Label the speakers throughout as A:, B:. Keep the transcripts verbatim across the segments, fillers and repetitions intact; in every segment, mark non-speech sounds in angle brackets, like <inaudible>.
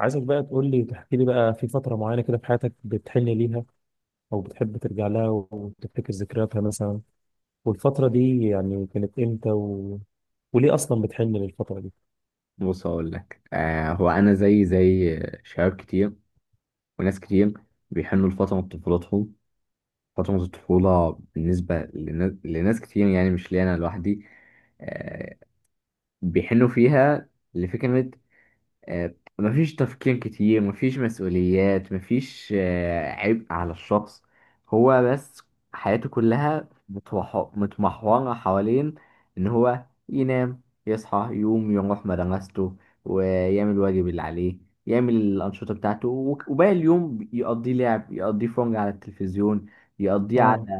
A: عايزك بقى تقول لي تحكي لي بقى في فترة معينة كده في حياتك بتحن ليها، أو بتحب ترجع لها وتفتكر ذكرياتها مثلا. والفترة دي يعني كانت إمتى و... وليه أصلا بتحن للفترة دي؟
B: بص، هقول لك. آه هو انا زي زي شباب كتير وناس كتير بيحنوا لفتره من طفولتهم. فتره الطفوله بالنسبه لنا- لناس كتير، يعني مش ليا انا لوحدي. آه بيحنوا فيها لفكره. آه، مفيش تفكير كتير، مفيش مسؤوليات، مفيش آه، عبء على الشخص. هو بس حياته كلها متوح- متمحورة حوالين إن هو ينام، يصحى يقوم يروح مدرسته، ويعمل الواجب اللي عليه، يعمل الأنشطة بتاعته، وك- وباقي اليوم يقضيه لعب، يقضيه فرجة على التلفزيون، يقضيه
A: اه.
B: على.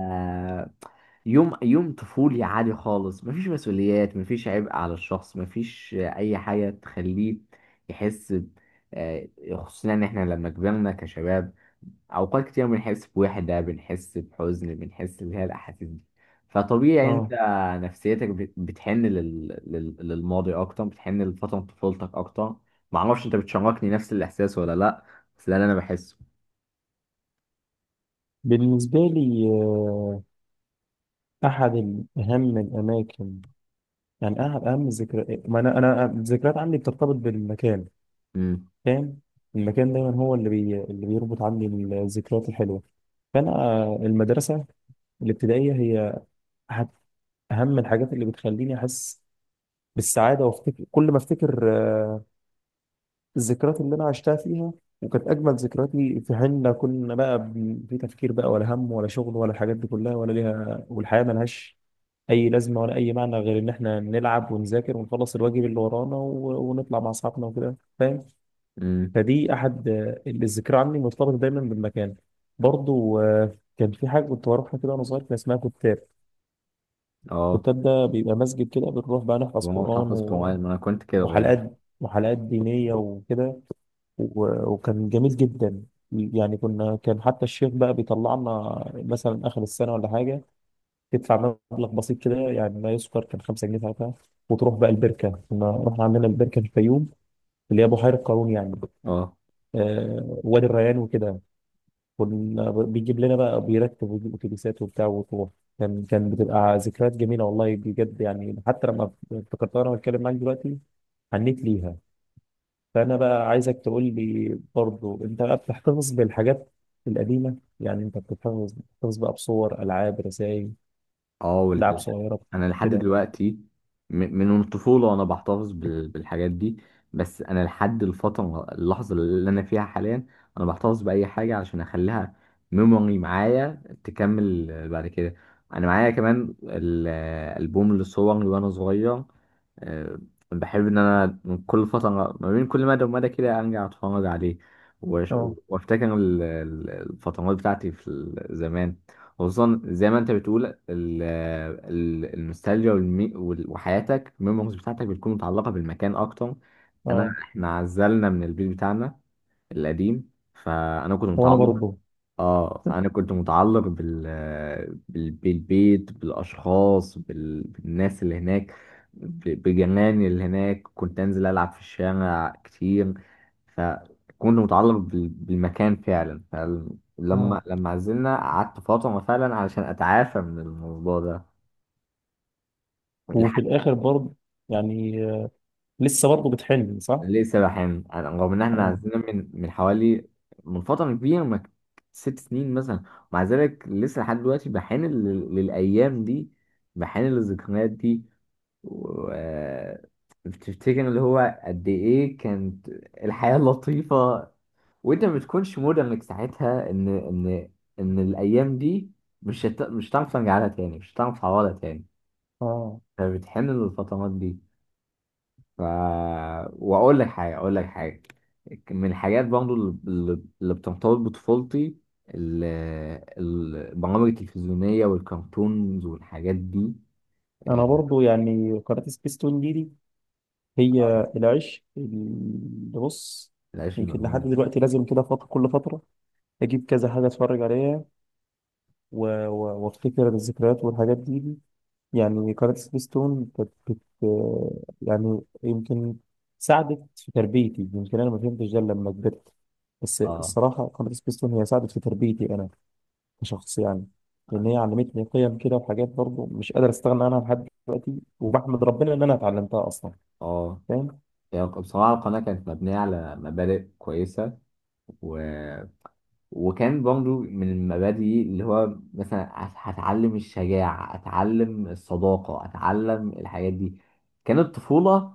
B: يوم يوم طفولي عادي خالص، مفيش مسؤوليات، مفيش عبء على الشخص، مفيش اي حاجه تخليه يحس ب- آه، خصوصا ان احنا لما كبرنا كشباب اوقات كتير بنحس بوحده، بنحس بحزن، بنحس اللي هي الاحاسيس دي. فطبيعي انت
A: اه.
B: نفسيتك بت- بتحن لل... لل... للماضي اكتر، بتحن لفتره طفولتك اكتر. معرفش انت بتشاركني نفس الاحساس ولا لا، بس ده اللي انا بحسه.
A: بالنسبة لي آه، أحد أهم الأماكن، يعني أحد أهم الذكريات، ما أنا أنا الذكريات عندي بترتبط بالمكان،
B: امم
A: فاهم؟ المكان دايما هو اللي بي... اللي بيربط عندي الذكريات الحلوة. فأنا آه، المدرسة الابتدائية هي أحد اهم الحاجات اللي بتخليني احس بالسعاده، وافتكر كل ما افتكر آه، الذكريات اللي انا عشتها فيها، وكانت اجمل ذكرياتي في حين لا كنا بقى ب- في تفكير بقى ولا هم ولا شغل ولا الحاجات دي كلها ولا ليها، والحياه ملهاش اي لازمه ولا اي معنى غير ان احنا نلعب ونذاكر ونخلص الواجب اللي ورانا و- ونطلع مع اصحابنا وكده، فاهم؟
B: امم
A: فدي احد آه، الذكرى عني مرتبطه دايما بالمكان. برضو آه، كان في حاجه كنت بروحها كده وانا صغير، كان اسمها كتاب.
B: اه.
A: كتاب ده بيبقى مسجد كده، بنروح بقى نحفظ
B: الموضوع
A: قرآن،
B: تحفظ قرآن، ما انا كنت كده برضه.
A: وحلقات وحلقات دينية وكده. و- وكان جميل جدا، يعني كنا كان حتى الشيخ بقى بيطلع لنا مثلا آخر السنة ولا حاجة، تدفع مبلغ بسيط كده يعني لا يذكر، كان خمسة جنيه ساعتها، وتروح بقى البركة. كنا رحنا عندنا البركة في الفيوم، اللي هي بحيرة قارون يعني،
B: اه.
A: آه وادي الريان وكده. كنا ب- بيجيب لنا بقى، بيركب ويجيب أتوبيسات وبتاع وتروح، كان كان بتبقى ذكريات جميلة والله بجد، يعني حتى لما افتكرتها وأنا بتكلم معاك دلوقتي حنيت ليها. فأنا بقى عايزك تقول لي برضو، أنت بقى بتحتفظ بالحاجات القديمة؟ يعني أنت بتحتفظ بتحتفظ بقى بصور، ألعاب، رسائل،
B: اه
A: لعب
B: وال...
A: صغيرة
B: انا لحد
A: كده؟
B: دلوقتي، م- من الطفوله وانا بحتفظ بال... بالحاجات دي. بس انا لحد الفتره اللحظه اللي انا فيها حاليا انا بحتفظ باي حاجه عشان اخليها ميموري معايا تكمل بعد كده. انا معايا كمان الالبوم لصوري وانا صغير. آه، بحب ان انا من كل فتره ما بين كل مدى ومدى كده ارجع اتفرج عليه، وأش-
A: اه.
B: وافتكر ال- ال- الفترات بتاعتي في ال- زمان. خصوصا زي ما انت بتقول ال- ال- النوستالجيا والمي- وال- وحياتك الميموريز بتاعتك بتكون متعلقه بالمكان اكتر. انا
A: اه
B: احنا عزلنا من البيت بتاعنا القديم، فانا كنت
A: وأنا
B: متعلق.
A: برضو.
B: اه انا كنت متعلق بال... بال... بالبيت، بالاشخاص، بال... بالناس اللي هناك، ب... بجيراني اللي هناك. كنت انزل العب في الشارع كتير، فكنت متعلق بال... بالمكان فعلا.
A: اه
B: فلما لما عزلنا قعدت فترة فعلا علشان اتعافى من الموضوع ده.
A: وفي الآخر برضو يعني آه، لسه برضو بتحلم، صح؟
B: لسه بحن. أنا- رغم ان احنا
A: اه.
B: عزلنا من من حوالي، من فتره كبيره، ما، ست سنين مثلا. ومع ذلك لسه لحد دلوقتي بحن لل- للايام دي، بحن للذكريات دي. و بتفتكر اللي هو قد ايه كانت الحياه <laughs> لطيفه. وانت ما بتكونش مدرك ساعتها ان ان ان الايام دي مش هت... مش هتعرف ترجع لها تاني، مش هتعرف تعوضها تاني.
A: اه.
B: فبتحن للفترات دي. ف، واقول لك حاجه اقول لك حاجه من الحاجات برضه اللي اللي بترتبط بطفولتي، ال- ال- البرامج التلفزيونيه والكرتونز والحاجات دي.
A: أنا
B: آه،
A: برضو يعني قناة سبيستون دي, دي هي العشق اللي بص،
B: العيش
A: يمكن لحد
B: الممنوع.
A: دلوقتي لازم كده فترة كل فترة أجيب كذا حاجة أتفرج عليها، و- و- وافتكر الذكريات والحاجات دي. يعني قناة سبيستون كانت بت يعني يمكن ساعدت في تربيتي، يمكن أنا ما فهمتش ده لما كبرت، بس
B: اه.
A: الصراحة قناة سبيستون هي ساعدت في تربيتي أنا كشخص يعني، لأن هي علمتني قيم كده وحاجات برضه مش قادر أستغنى عنها لحد دلوقتي، وبحمد ربنا إن أنا اتعلمتها أصلا،
B: اه.
A: فاهم؟
B: هي بصراحه القناه كانت مبنيه على مبادئ كويسه. و وكان برضو من المبادئ اللي هو مثلا هت- هتعلم الشجاعة، أتعلم الصداقة، أتعلم الحاجات دي. كانت طفولة،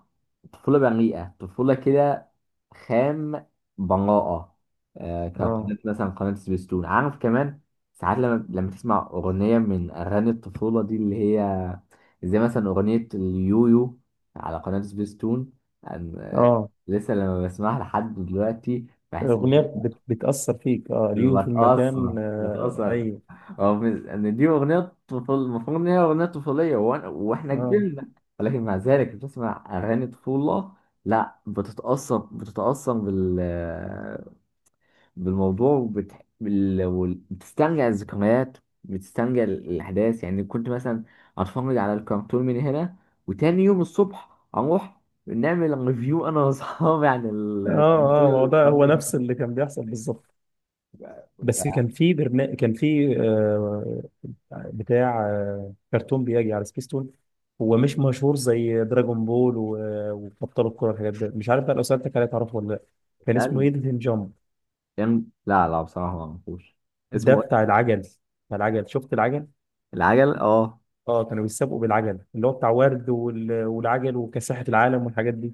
B: طفولة بريئة، طفولة كده خام، براءة. آه
A: آه.
B: كقناة مثلا قناة سبيستون، عارف كمان ساعات لما لما تسمع أغنية من أغاني الطفولة دي، اللي هي زي مثلا أغنية اليويو على قناة سبيستون. أن- آه،
A: آه.
B: لسه لما بسمعها لحد دلوقتي بحس.
A: الأغنية بت... بتأثر فيك، آه اليوم في المكان،
B: بتأثر
A: آه
B: بتأثر.
A: أيوه.
B: هو مز- ان دي اغنية طفل، المفروض ان هي اغنية طفولية، وأنا- واحنا
A: آه.
B: كبرنا. ولكن مع ذلك بتسمع اغاني طفولة، لا بتتأثر، بتتأثر بال بالموضوع، وبت... بال... وال- بتسترجع الذكريات، بتسترجع ال- الاحداث. يعني كنت مثلا اتفرج على الكرتون من هنا، وتاني يوم الصبح اروح نعمل ريفيو انا واصحابي عن
A: آه.
B: الكرتون
A: آه ما هو
B: اللي
A: ده هو نفس اللي كان بيحصل بالظبط، بس كان في برنامج، كان في آه، بتاع آه، كرتون بيجي على سبيستون، هو مش مشهور زي دراجون بول و- وابطال الكره والحاجات دي، مش عارف بقى لو سالتك عليه تعرفه ولا لا. كان اسمه
B: اتفرجنا.
A: ايدن جامب،
B: كان، لا لا بصراحة ما اعرفوش.
A: ده
B: اسمه
A: بتاع
B: إيه؟
A: العجل. بتاع العجل، شفت العجل؟
B: العجل اه.
A: اه. كانوا بيسابقوا بالعجل، اللي هو بتاع ورد وال- والعجل وكاسحة العالم والحاجات دي.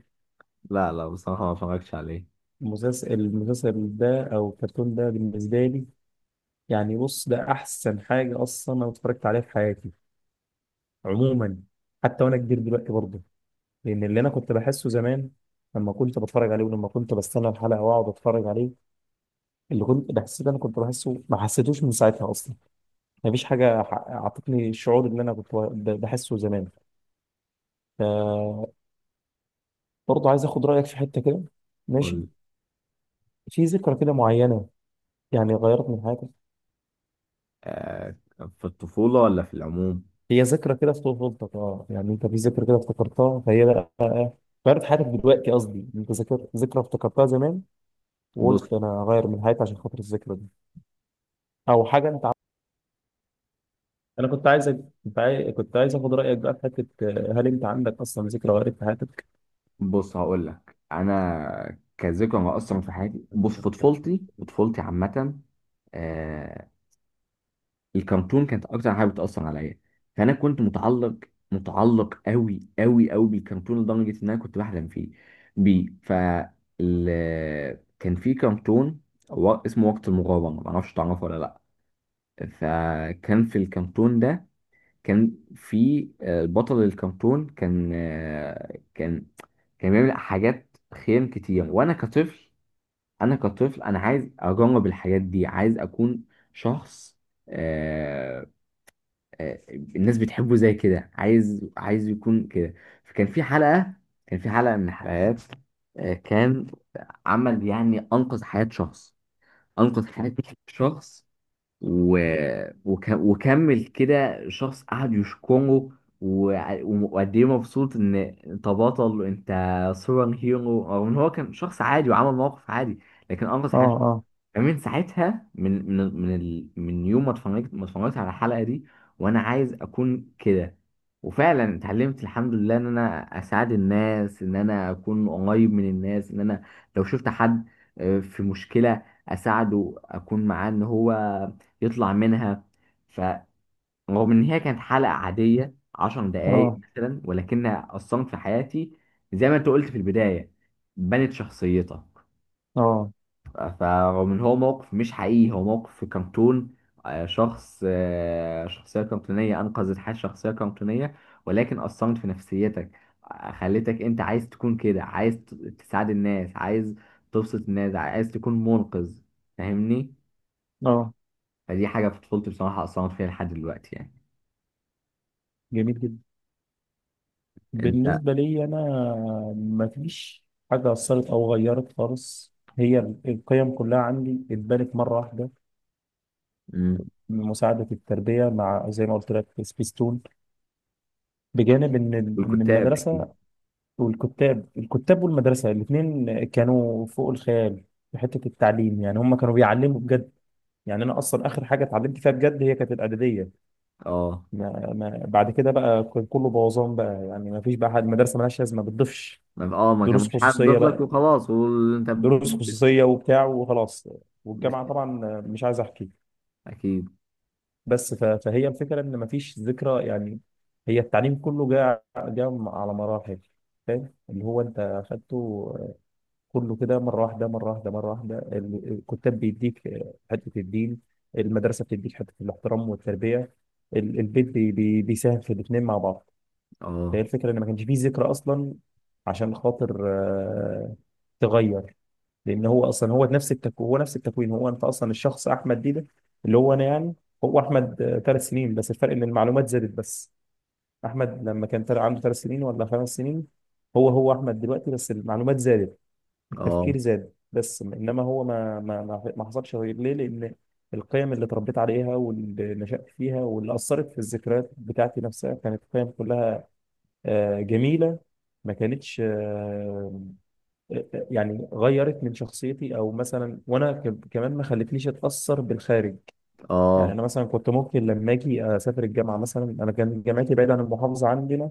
B: لا لا بصراحة ما اتفرجتش عليه.
A: المسلسل المسلسل ده او الكرتون ده بالنسبه لي، يعني بص ده احسن حاجه اصلا انا اتفرجت عليها في حياتي عموما، حتى وانا كبير دلوقتي برضه، لان اللي انا كنت بحسه زمان لما كنت بتفرج عليه ولما كنت بستنى الحلقه واقعد اتفرج عليه، اللي كنت بحس ده انا كنت بحسه ما حسيتوش من ساعتها اصلا. مفيش حاجه ح- اعطتني الشعور اللي انا كنت ب- بحسه زمان. ف- برضه عايز اخد رايك في حته كده، ماشي؟
B: قول.
A: في ذكرى كده معينه يعني غيرت من حياتك،
B: آه. في الطفولة ولا في العموم؟
A: هي ذكرى كده في طفولتك اه، يعني انت في ذكرى كده افتكرتها فهي بقى غيرت حياتك دلوقتي، قصدي انت ذكر ذكرى افتكرتها زمان
B: بص.
A: وقلت انا اغير من حياتي عشان خاطر الذكرى دي، او حاجه. انت، انا كنت عايزك كنت عايز كنت عايز اخد رايك بقى في حته، آه، هل انت عندك اصلا ذكرى وارد في حياتك؟
B: بص هقول لك انا كذكرى اصلا في حياتي، بص، في طفولتي، في طفولتي عامة. آه، الكرتون كانت اكتر حاجه بتاثر عليا. فانا كنت متعلق، متعلق قوي قوي قوي بالكرتون، لدرجه ان انا كنت بحلم فيه، بيه. ف، ال- كان في كرتون، و- اسمه وقت المغامره، ما اعرفش تعرفه ولا لا. فكان في الكرتون ده كان في، آه، بطل الكرتون كان، آه، كان، كان بيعمل حاجات خيام كتير. وانا كطفل، انا كطفل انا عايز اجرب الحاجات دي، عايز اكون شخص، آه، آه، الناس بتحبه زي كده، عايز عايز يكون كده. فكان في حلقة، كان في حلقة من الحلقات، آه، كان، عمل يعني أنقذ حياة شخص، أنقذ حياة شخص، و... وك... وكمل كده. شخص قعد يشكره، وع- وقد ايه مبسوط ان انت بطل، انت سوبر هيرو. رغم ان هو كان شخص عادي وعمل موقف عادي لكن انقذ
A: اه.
B: حياة.
A: اه.
B: فمن ساعتها، من من من ال... من يوم ما اتفرجت، ما اتفرجت على الحلقه دي وانا عايز اكون كده. وفعلا اتعلمت الحمد لله ان انا اساعد الناس، ان انا اكون قريب من الناس، ان انا لو شفت حد آه، في مشكله اساعده، اكون معاه ان هو يطلع منها. فرغم ان هي كانت حلقه عاديه عشر دقايق
A: اه.
B: مثلا ولكنها اثرت في حياتي. زي ما انت قلت في البدايه، بنت شخصيتك.
A: اه.
B: فمن هو موقف مش حقيقي، هو موقف في كرتون. آه، شخص، آه، شخصية كرتونية أنقذت حياة شخصية كرتونية، ولكن أثرت في نفسيتك. آه، خلتك أنت عايز تكون كده، عايز ت- تساعد الناس، عايز تبسط الناس، عايز تكون منقذ. فاهمني؟
A: اه
B: فدي حاجة في طفولتي بصراحة أثرت فيها لحد دلوقتي يعني.
A: جميل جدا.
B: أنت.
A: بالنسبه لي انا ما فيش حاجه اثرت او غيرت خالص، هي ال- القيم كلها عندي اتبنت مره واحده،
B: مم.
A: من مساعده التربيه مع زي ما قلت لك سبيستون، بجانب ان ال- ان
B: والكتاب أكيد.
A: المدرسه والكتاب. الكتاب والمدرسه الاثنين كانوا فوق الخيال في حته التعليم، يعني هم كانوا بيعلموا بجد. يعني انا اصلا اخر حاجه اتعلمت فيها بجد هي كانت الاعداديه،
B: أه.
A: ما ما بعد كده بقى كان كله بوظان بقى يعني، ما فيش بقى حد، المدرسه مالهاش لازمه ما بتضيفش،
B: ما- اه ما
A: دروس
B: كانش حد ضيف
A: خصوصيه
B: لك
A: بقى.
B: وخلاص، وانت ب...
A: دروس
B: ب...
A: خصوصيه وبتاع وخلاص، والجامعه
B: ب-
A: طبعا مش عايز احكي.
B: اكيد.
A: بس ف- فهي الفكره ان ما فيش ذكرى يعني، هي التعليم كله جاء جاء على مراحل، فاهم اللي هو انت اخدته كله كده مره واحده، مره واحده، مره واحده. ال- الكتاب بيديك حته الدين، المدرسه بتديك حته الاحترام والتربيه، ال- البيت بي بي بيساهم في الاثنين مع بعض. فهي
B: اه.
A: الفكره ان ما كانش فيه ذكرى اصلا عشان خاطر آه، تغير، لان هو اصلا هو نفس التكوين، هو نفس التكوين، هو انت اصلا الشخص احمد ديده، اللي هو انا يعني، هو احمد آه، ثلاث سنين، بس الفرق ان المعلومات زادت بس. احمد لما كان تل- عنده ثلاث سنين ولا خمس سنين، هو هو احمد دلوقتي بس المعلومات زادت،
B: اه.
A: التفكير زاد بس، انما هو ما ما ما ما حصلش غير ليه، لان القيم اللي اتربيت عليها واللي نشأت فيها واللي اثرت في الذكريات بتاعتي نفسها كانت قيم كلها آه، جميله، ما كانتش آه، آه، آه، يعني غيرت من شخصيتي او مثلا، وانا ك- كمان ما خلتنيش اتاثر بالخارج. يعني
B: اه.
A: انا مثلا كنت ممكن لما اجي اسافر الجامعه مثلا، انا كان جامعتي بعيده عن المحافظه عندنا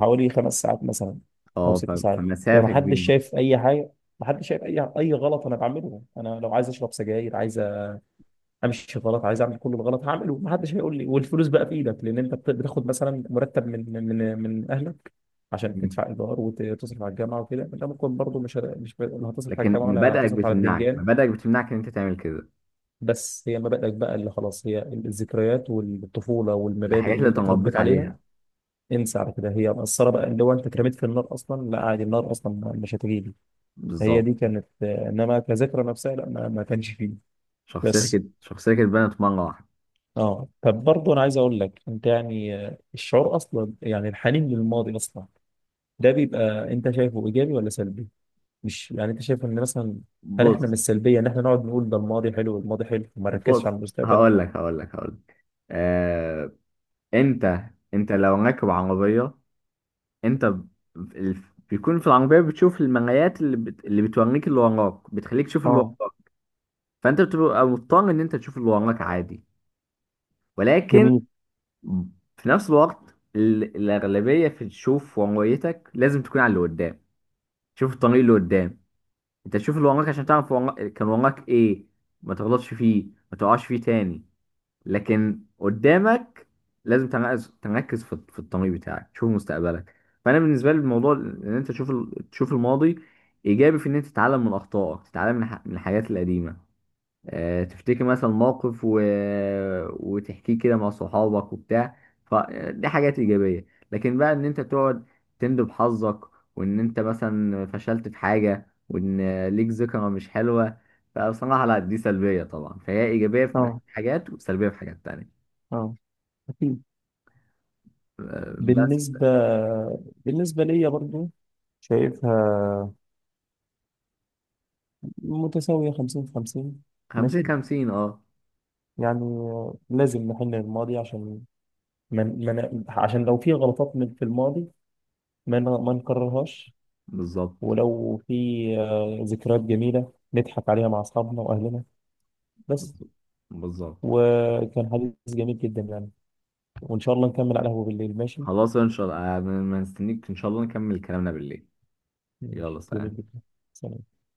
A: حوالي خمس ساعات مثلا او
B: اه ف-
A: ست ساعات، يعني
B: فمسافة
A: ما حدش
B: كبيرة.
A: شايف اي حاجه، ما حدش شايف اي اي غلط انا بعمله. انا لو عايز اشرب سجاير، عايز امشي غلط، عايز اعمل كل الغلط هعمله ما حدش هيقول لي، والفلوس بقى في ايدك، لان انت بت- بتاخد مثلا مرتب من من من من اهلك عشان
B: مم.
A: تدفع ايجار وتصرف على الجامعه وكده، انت ممكن برضه مش هت- مش ب- لا هتصرف على
B: لكن
A: الجامعه ولا
B: مبادئك
A: هتصرف على
B: بتمنعك،
A: البتنجان.
B: مبادئك بتمنعك ان انت تعمل كده.
A: بس هي مبادئك بقى اللي خلاص، هي الذكريات والطفوله والمبادئ
B: الحاجات
A: اللي
B: اللي
A: انت
B: تربيت
A: اتربيت عليها،
B: عليها.
A: انسى على كده هي مقصره بقى. لو انت اترميت في النار اصلا لا عادي، النار اصلا مش هتجيلي. هي
B: بالظبط.
A: دي كانت آه، انما كذكرى نفسها لا، ما, ما كانش فيه
B: شخصيتك
A: بس.
B: ات- شخصيتك اتبنت مرة واحدة.
A: اه طب برضه انا عايز اقول لك انت يعني آه، الشعور اصلا يعني الحنين للماضي اصلا ده بيبقى، انت شايفه ايجابي ولا سلبي؟ مش يعني انت شايف ان مثلا، هل احنا من
B: بص،
A: السلبيه ان احنا نقعد نقول ده الماضي حلو والماضي حلو وما نركزش
B: بص
A: على المستقبل؟
B: هقول لك هقول لك هقول لك آه... انت، انت لو راكب عربية انت ب... ال- بيكون في العربية بتشوف المرايات اللي بت... اللي بتوريك اللي وراك، بتخليك تشوف اللي
A: اه.
B: وراك. فانت بتبقى مضطر ان انت تشوف اللي وراك عادي. ولكن
A: جميل.
B: في نفس الوقت ال- الأغلبية في تشوف ورقتك لازم تكون على اللي قدام. شوف الطريق اللي قدام. انت تشوف اللي وراك عشان تعرف ورا- كان وراك ايه، ما تغلطش فيه، ما تقعش فيه تاني. لكن قدامك لازم تركز، تركز في في الطريق بتاعك، تشوف مستقبلك. فأنا بالنسبة لي الموضوع ان انت تشوف ال- تشوف الماضي إيجابي في ان انت تتعلم من أخطائك، تتعلم من الح- من الحاجات القديمة. آه، تفتكر مثلا موقف، و... وتحكيه كده مع صحابك وبتاع. فدي حاجات إيجابية. لكن بقى إن أنت تقعد تندب حظك، وإن أنت مثلا فشلت في حاجة وإن ليك ذكرى مش حلوة، فبصراحة لا، دي سلبية طبعا. فهي إيجابية في
A: اه.
B: حاجات وسلبية في حاجات تانية.
A: اه. اكيد.
B: آه، بس.
A: بالنسبه بالنسبه ليا برضه شايفها متساوية خمسين في خمسين،
B: خمسين
A: ماشي،
B: خمسين، اه.
A: يعني آه، لازم نحن الماضي عشان من من عشان لو في غلطات من في الماضي ما ن- ما نكررهاش.
B: بالظبط.
A: ولو في آه، ذكريات جميلة نضحك عليها مع أصحابنا وأهلنا بس.
B: بالظبط.
A: وكان حديث جميل جدا يعني، وإن شاء الله نكمل على القهوة بالليل، ماشي.
B: خلاص ان شاء الله. آه، ما ما نستنيك، ان شاء الله نكمل كلامنا بالليل.
A: ماشي
B: يلا
A: جميل
B: سلام.
A: جدا. سلام.